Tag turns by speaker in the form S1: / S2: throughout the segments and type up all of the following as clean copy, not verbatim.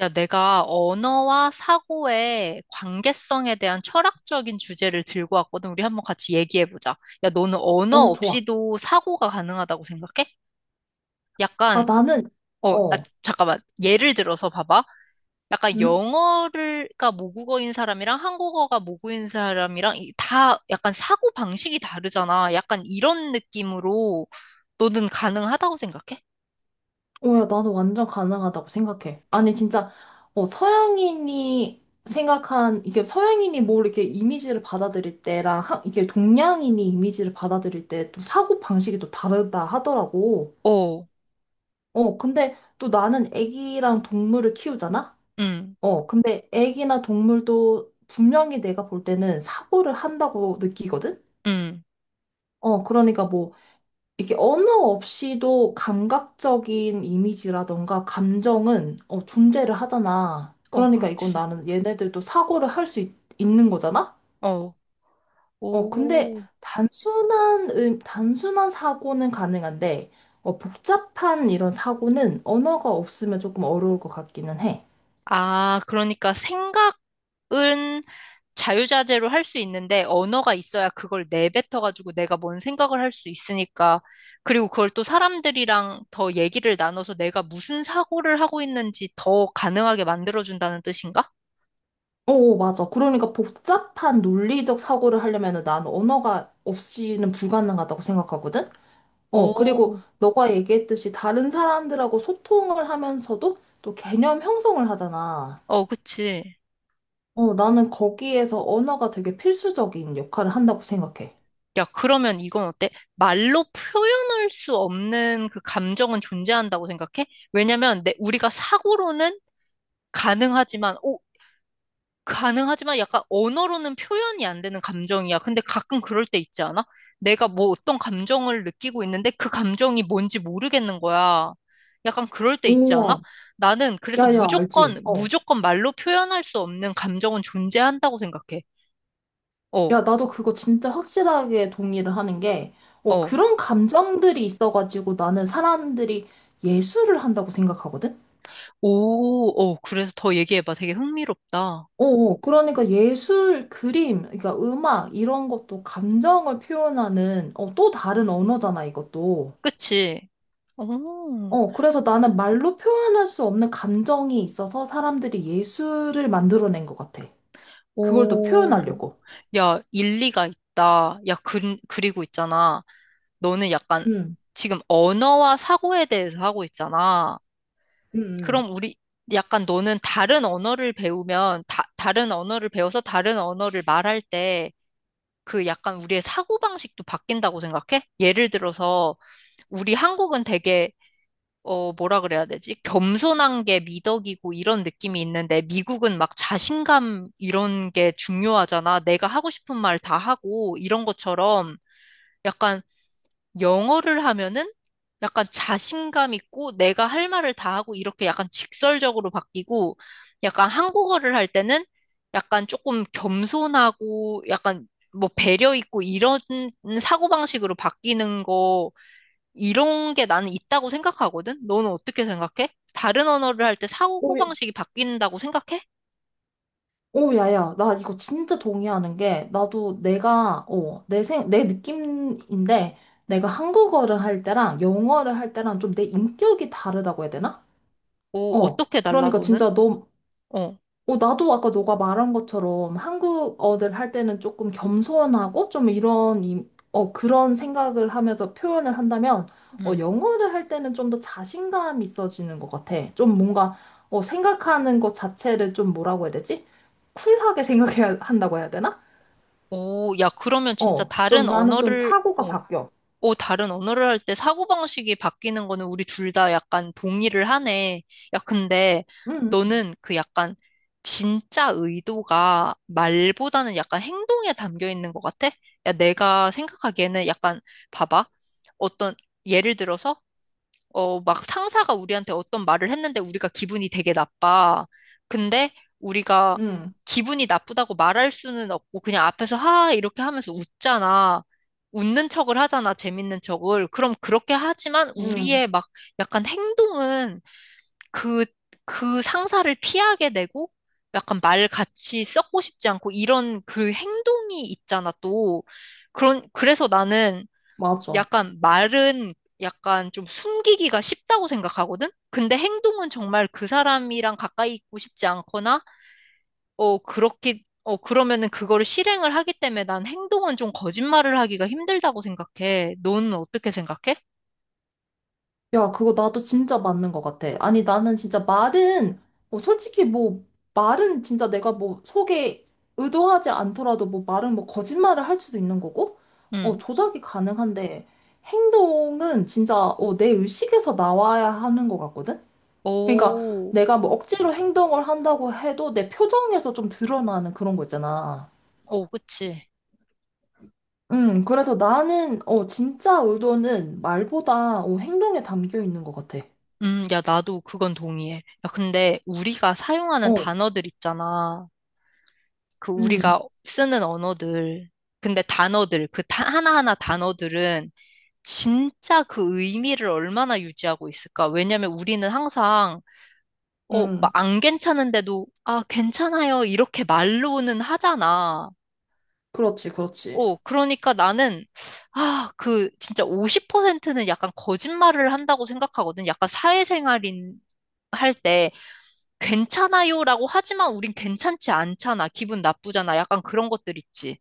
S1: 야, 내가 언어와 사고의 관계성에 대한 철학적인 주제를 들고 왔거든. 우리 한번 같이 얘기해보자. 야, 너는 언어
S2: 좋아.
S1: 없이도 사고가 가능하다고 생각해?
S2: 아,
S1: 약간,
S2: 나는,
S1: 어, 아,
S2: 어,
S1: 잠깐만. 예를 들어서 봐봐. 약간
S2: 응?
S1: 영어가 모국어인 사람이랑 한국어가 모국어인 사람이랑 다 약간 사고 방식이 다르잖아. 약간 이런 느낌으로 너는 가능하다고 생각해?
S2: 어, 야, 나는 완전 가능하다고 생각해. 아니, 진짜, 어, 이게 서양인이 뭘 이렇게 이미지를 받아들일 때랑, 이게 동양인이 이미지를 받아들일 때 또 사고 방식이 또 다르다 하더라고.
S1: 어.
S2: 근데 또 나는 애기랑 동물을 키우잖아?
S1: 응,
S2: 근데 애기나 동물도 분명히 내가 볼 때는 사고를 한다고 느끼거든?
S1: 응.
S2: 그러니까 뭐, 이게 언어 없이도 감각적인 이미지라던가 감정은 존재를 하잖아.
S1: 어,
S2: 그러니까 이건
S1: 그렇지.
S2: 나는 얘네들도 사고를 할 수 있는 거잖아?
S1: 어.
S2: 근데
S1: 오.
S2: 단순한, 단순한 사고는 가능한데, 복잡한 이런 사고는 언어가 없으면 조금 어려울 것 같기는 해.
S1: 아, 그러니까 생각은 자유자재로 할 수 있는데 언어가 있어야 그걸 내뱉어가지고 내가 뭔 생각을 할 수 있으니까. 그리고 그걸 또 사람들이랑 더 얘기를 나눠서 내가 무슨 사고를 하고 있는지 더 가능하게 만들어준다는 뜻인가?
S2: 맞아. 그러니까 복잡한 논리적 사고를 하려면 나는 언어가 없이는 불가능하다고 생각하거든? 그리고
S1: 오,
S2: 너가 얘기했듯이 다른 사람들하고 소통을 하면서도 또 개념 형성을 하잖아.
S1: 어, 그치.
S2: 나는 거기에서 언어가 되게 필수적인 역할을 한다고 생각해.
S1: 야, 그러면 이건 어때? 말로 표현할 수 없는 그 감정은 존재한다고 생각해? 왜냐면 우리가 사고로는 가능하지만, 어, 가능하지만, 약간 언어로는 표현이 안 되는 감정이야. 근데 가끔 그럴 때 있지 않아? 내가 뭐 어떤 감정을 느끼고 있는데 그 감정이 뭔지 모르겠는 거야. 약간 그럴 때 있지
S2: 우와,
S1: 않아? 나는 그래서
S2: 야야, 알지?
S1: 무조건,
S2: 어.
S1: 무조건 말로 표현할 수 없는 감정은 존재한다고 생각해. 어,
S2: 야, 나도 그거 진짜 확실하게 동의를 하는 게,
S1: 어.
S2: 그런 감정들이 있어가지고 나는 사람들이 예술을 한다고 생각하거든?
S1: 오, 어. 그래서 더 얘기해봐. 되게 흥미롭다.
S2: 그러니까 예술, 그림, 그러니까 음악, 이런 것도 감정을 표현하는, 또 다른 언어잖아, 이것도.
S1: 그치? 오,
S2: 그래서 나는 말로 표현할 수 없는 감정이 있어서 사람들이 예술을 만들어낸 것 같아. 그걸 또
S1: 오.
S2: 표현하려고.
S1: 야, 일리가 있다. 야, 그리고 있잖아. 너는 약간
S2: 응,
S1: 지금 언어와 사고에 대해서 하고 있잖아.
S2: 응, 응.
S1: 그럼 우리 약간 너는 다른 언어를 배우면 다른 언어를 배워서 다른 언어를 말할 때 그 약간 우리의 사고방식도 바뀐다고 생각해? 예를 들어서 우리 한국은 되게 뭐라 그래야 되지? 겸손한 게 미덕이고 이런 느낌이 있는데 미국은 막 자신감 이런 게 중요하잖아. 내가 하고 싶은 말 다 하고 이런 것처럼 약간 영어를 하면은 약간 자신감 있고 내가 할 말을 다 하고 이렇게 약간 직설적으로 바뀌고 약간 한국어를 할 때는 약간 조금 겸손하고 약간 뭐 배려 있고 이런 사고방식으로 바뀌는 거 이런 게 나는 있다고 생각하거든? 너는 어떻게 생각해? 다른 언어를 할 때
S2: 오,
S1: 사고방식이 바뀐다고 생각해?
S2: 오, 야야, 나 이거 진짜 동의하는 게, 나도 내가, 어, 내 생, 내 느낌인데, 내가 한국어를 할 때랑 영어를 할 때랑 좀 내 인격이 다르다고 해야 되나?
S1: 오,
S2: 어,
S1: 어떻게 달라,
S2: 그러니까
S1: 너는?
S2: 진짜 너,
S1: 어,
S2: 나도 아까 너가 말한 것처럼 한국어를 할 때는 조금 겸손하고 좀 이런, 그런 생각을 하면서 표현을 한다면,
S1: 음.
S2: 영어를 할 때는 좀 더 자신감이 있어지는 것 같아. 좀 뭔가, 생각하는 것 자체를 좀 뭐라고 해야 되지? 쿨하게 생각해야 한다고 해야 되나?
S1: 오, 야, 그러면 진짜
S2: 좀
S1: 다른
S2: 나는 좀
S1: 언어를,
S2: 사고가 바뀌어.
S1: 오, 다른 언어를 할 때 사고방식이 바뀌는 거는 우리 둘 다 약간 동의를 하네. 야, 근데
S2: 응,
S1: 너는 그 약간 진짜 의도가 말보다는 약간 행동에 담겨 있는 것 같아? 야, 내가 생각하기에는 약간 봐봐. 어떤 예를 들어서 막 상사가 우리한테 어떤 말을 했는데 우리가 기분이 되게 나빠. 근데 우리가
S2: 응,
S1: 기분이 나쁘다고 말할 수는 없고 그냥 앞에서 하 이렇게 하면서 웃잖아. 웃는 척을 하잖아. 재밌는 척을. 그럼 그렇게 하지만
S2: 응,
S1: 우리의 막 약간 행동은 그, 그 상사를 피하게 되고 약간 말 같이 썩고 싶지 않고 이런 그 행동이 있잖아 또. 그래서 나는
S2: 맞아.
S1: 약간 말은 약간 좀 숨기기가 쉽다고 생각하거든? 근데 행동은 정말 그 사람이랑 가까이 있고 싶지 않거나, 그렇게, 그러면은 그거를 실행을 하기 때문에 난 행동은 좀 거짓말을 하기가 힘들다고 생각해. 너는 어떻게 생각해?
S2: 야, 그거 나도 진짜 맞는 것 같아. 아니, 나는 진짜 말은, 뭐, 솔직히 뭐, 말은 진짜 내가 뭐, 속에 의도하지 않더라도 뭐, 말은 뭐, 거짓말을 할 수도 있는 거고,
S1: 응.
S2: 조작이 가능한데, 행동은 진짜, 내 의식에서 나와야 하는 것 같거든? 그러니까,
S1: 오,
S2: 내가 뭐, 억지로 행동을 한다고 해도 내 표정에서 좀 드러나는 그런 거 있잖아.
S1: 오, 그치.
S2: 그래서 나는, 진짜 의도는 말보다, 행동에 담겨 있는 것 같아.
S1: 야, 나도 그건 동의해. 야, 근데 우리가 사용하는
S2: 어,
S1: 단어들 있잖아. 그
S2: 음,
S1: 우리가 쓰는 언어들. 근데 단어들, 그 하나하나 단어들은 진짜 그 의미를 얼마나 유지하고 있을까? 왜냐면 우리는 항상, 막
S2: 음.
S1: 안 괜찮은데도, 아, 괜찮아요. 이렇게 말로는 하잖아.
S2: 그렇지, 그렇지.
S1: 어, 그러니까 나는, 진짜 50%는 약간 거짓말을 한다고 생각하거든. 약간 사회생활인, 할 때, 괜찮아요라고 하지만 우린 괜찮지 않잖아. 기분 나쁘잖아. 약간 그런 것들 있지.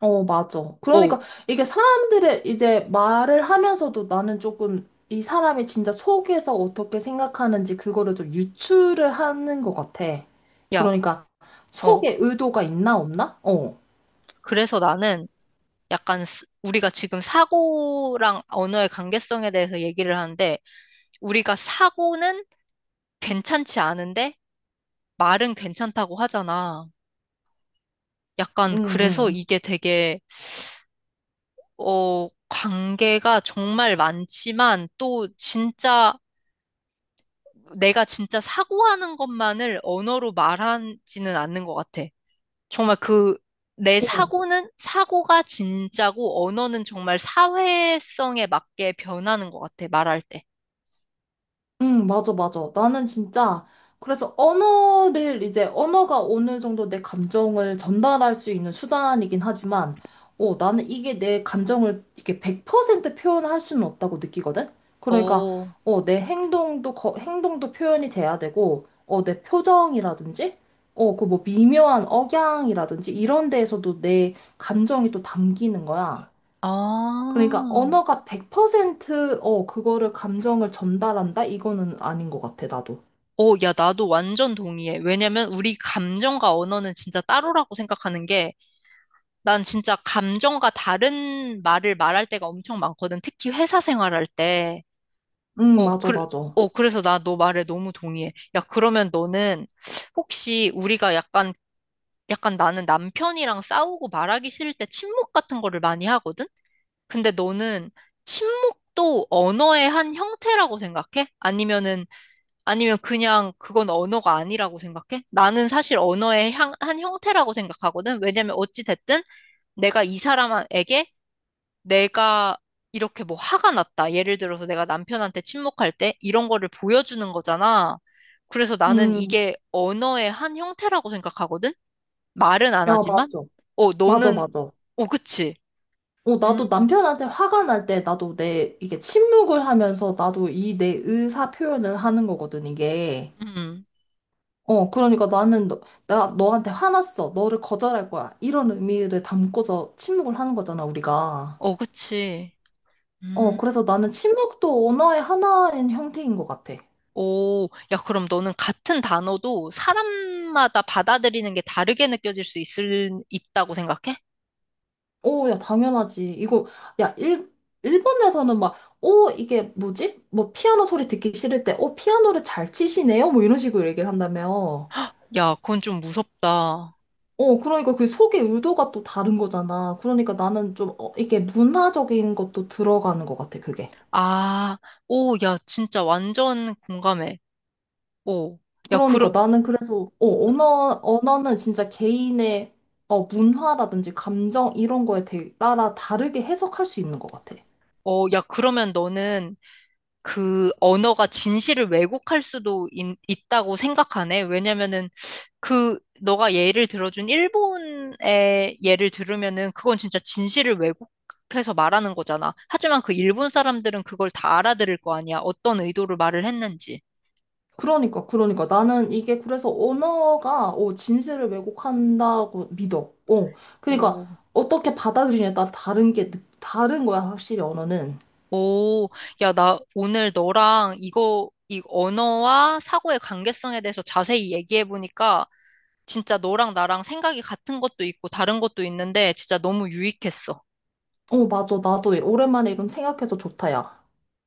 S2: 어, 맞아.
S1: 오,
S2: 그러니까 이게 사람들의 이제 말을 하면서도 나는 조금 이 사람이 진짜 속에서 어떻게 생각하는지 그거를 좀 유추를 하는 것 같아.
S1: 야,
S2: 그러니까
S1: 어.
S2: 속에 의도가 있나 없나? 어.
S1: 그래서 나는 약간 우리가 지금 사고랑 언어의 관계성에 대해서 얘기를 하는데 우리가 사고는 괜찮지 않은데 말은 괜찮다고 하잖아. 약간
S2: 응,
S1: 그래서
S2: 응.
S1: 이게 되게 관계가 정말 많지만 또 진짜 내가 진짜 사고하는 것만을 언어로 말하지는 않는 것 같아. 정말 그 내
S2: 어.
S1: 사고는 사고가 진짜고 언어는 정말 사회성에 맞게 변하는 것 같아, 말할 때.
S2: 응, 맞아, 맞아. 나는 진짜, 그래서 언어가 어느 정도 내 감정을 전달할 수 있는 수단이긴 하지만, 나는 이게 내 감정을 이게 100% 표현할 수는 없다고 느끼거든? 그러니까,
S1: 오,
S2: 행동도 표현이 돼야 되고, 내 표정이라든지, 그 뭐 미묘한 억양이라든지, 이런 데에서도 내 감정이 또 담기는 거야. 그러니까
S1: 아.
S2: 언어가 100% 그거를 감정을 전달한다? 이거는 아닌 것 같아, 나도.
S1: 오, 야, 나도 완전 동의해. 왜냐면 우리 감정과 언어는 진짜 따로라고 생각하는 게, 난 진짜 감정과 다른 말을 말할 때가 엄청 많거든. 특히 회사 생활할 때. 어,
S2: 맞아,
S1: 그,
S2: 맞아.
S1: 그래서 나 너 말에 너무 동의해. 야, 그러면 너는 혹시 우리가 약간 나는 남편이랑 싸우고 말하기 싫을 때 침묵 같은 거를 많이 하거든? 근데 너는 침묵도 언어의 한 형태라고 생각해? 아니면 그냥 그건 언어가 아니라고 생각해? 나는 사실 언어의 한 형태라고 생각하거든. 왜냐면 어찌 됐든 내가 이 사람에게 내가 이렇게 뭐 화가 났다. 예를 들어서 내가 남편한테 침묵할 때 이런 거를 보여주는 거잖아. 그래서 나는
S2: 음,
S1: 이게 언어의 한 형태라고 생각하거든. 말은 안
S2: 야,
S1: 하지만.
S2: 맞아. 맞아,
S1: 너는,
S2: 맞아.
S1: 그치.
S2: 나도
S1: 음.
S2: 남편한테 화가 날 때 나도 내, 이게 침묵을 하면서 나도 이 내 의사 표현을 하는 거거든, 이게.
S1: 음,
S2: 어, 그러니까 나는 너, 나 너한테 화났어. 너를 거절할 거야. 이런 의미를 담고서 침묵을 하는 거잖아, 우리가.
S1: 그치. 음.
S2: 그래서 나는 침묵도 언어의 하나인 형태인 것 같아.
S1: 오, 야, 그럼 너는 같은 단어도 사람마다 받아들이는 게 다르게 느껴질 수 있다고 생각해?
S2: 오, 야, 당연하지. 야, 일, 일본에서는 막, 오, 이게 뭐지? 뭐, 피아노 소리 듣기 싫을 때, 오, 피아노를 잘 치시네요? 뭐, 이런 식으로 얘기를 한다며.
S1: 야, 그건 좀 무섭다.
S2: 그러니까 그 속의 의도가 또 다른 거잖아. 그러니까 나는 좀, 이게 문화적인 것도 들어가는 것 같아, 그게.
S1: 아, 오, 야, 진짜 완전 공감해. 오, 야,
S2: 그러니까 나는 그래서, 언어는 진짜 개인의, 문화라든지 감정, 이런 거에 따라 다르게 해석할 수 있는 것 같아.
S1: 야, 그러면 너는 그 언어가 진실을 왜곡할 수도 있다고 생각하네? 왜냐면은 그 너가 예를 들어준 일본의 예를 들으면은 그건 진짜 진실을 왜곡해서 말하는 거잖아. 하지만 그 일본 사람들은 그걸 다 알아들을 거 아니야. 어떤 의도로 말을 했는지.
S2: 그러니까, 그러니까. 나는 이게 그래서 언어가, 진실을 왜곡한다고 믿어. 어. 그러니까,
S1: 오,
S2: 어떻게 받아들이냐에 따라 다른 거야, 확실히 언어는.
S1: 오, 야, 나 오늘 너랑 이 언어와 사고의 관계성에 대해서 자세히 얘기해 보니까 진짜 너랑 나랑 생각이 같은 것도 있고 다른 것도 있는데 진짜 너무 유익했어.
S2: 어, 맞아. 나도 오랜만에 이런 생각해서 좋다, 야.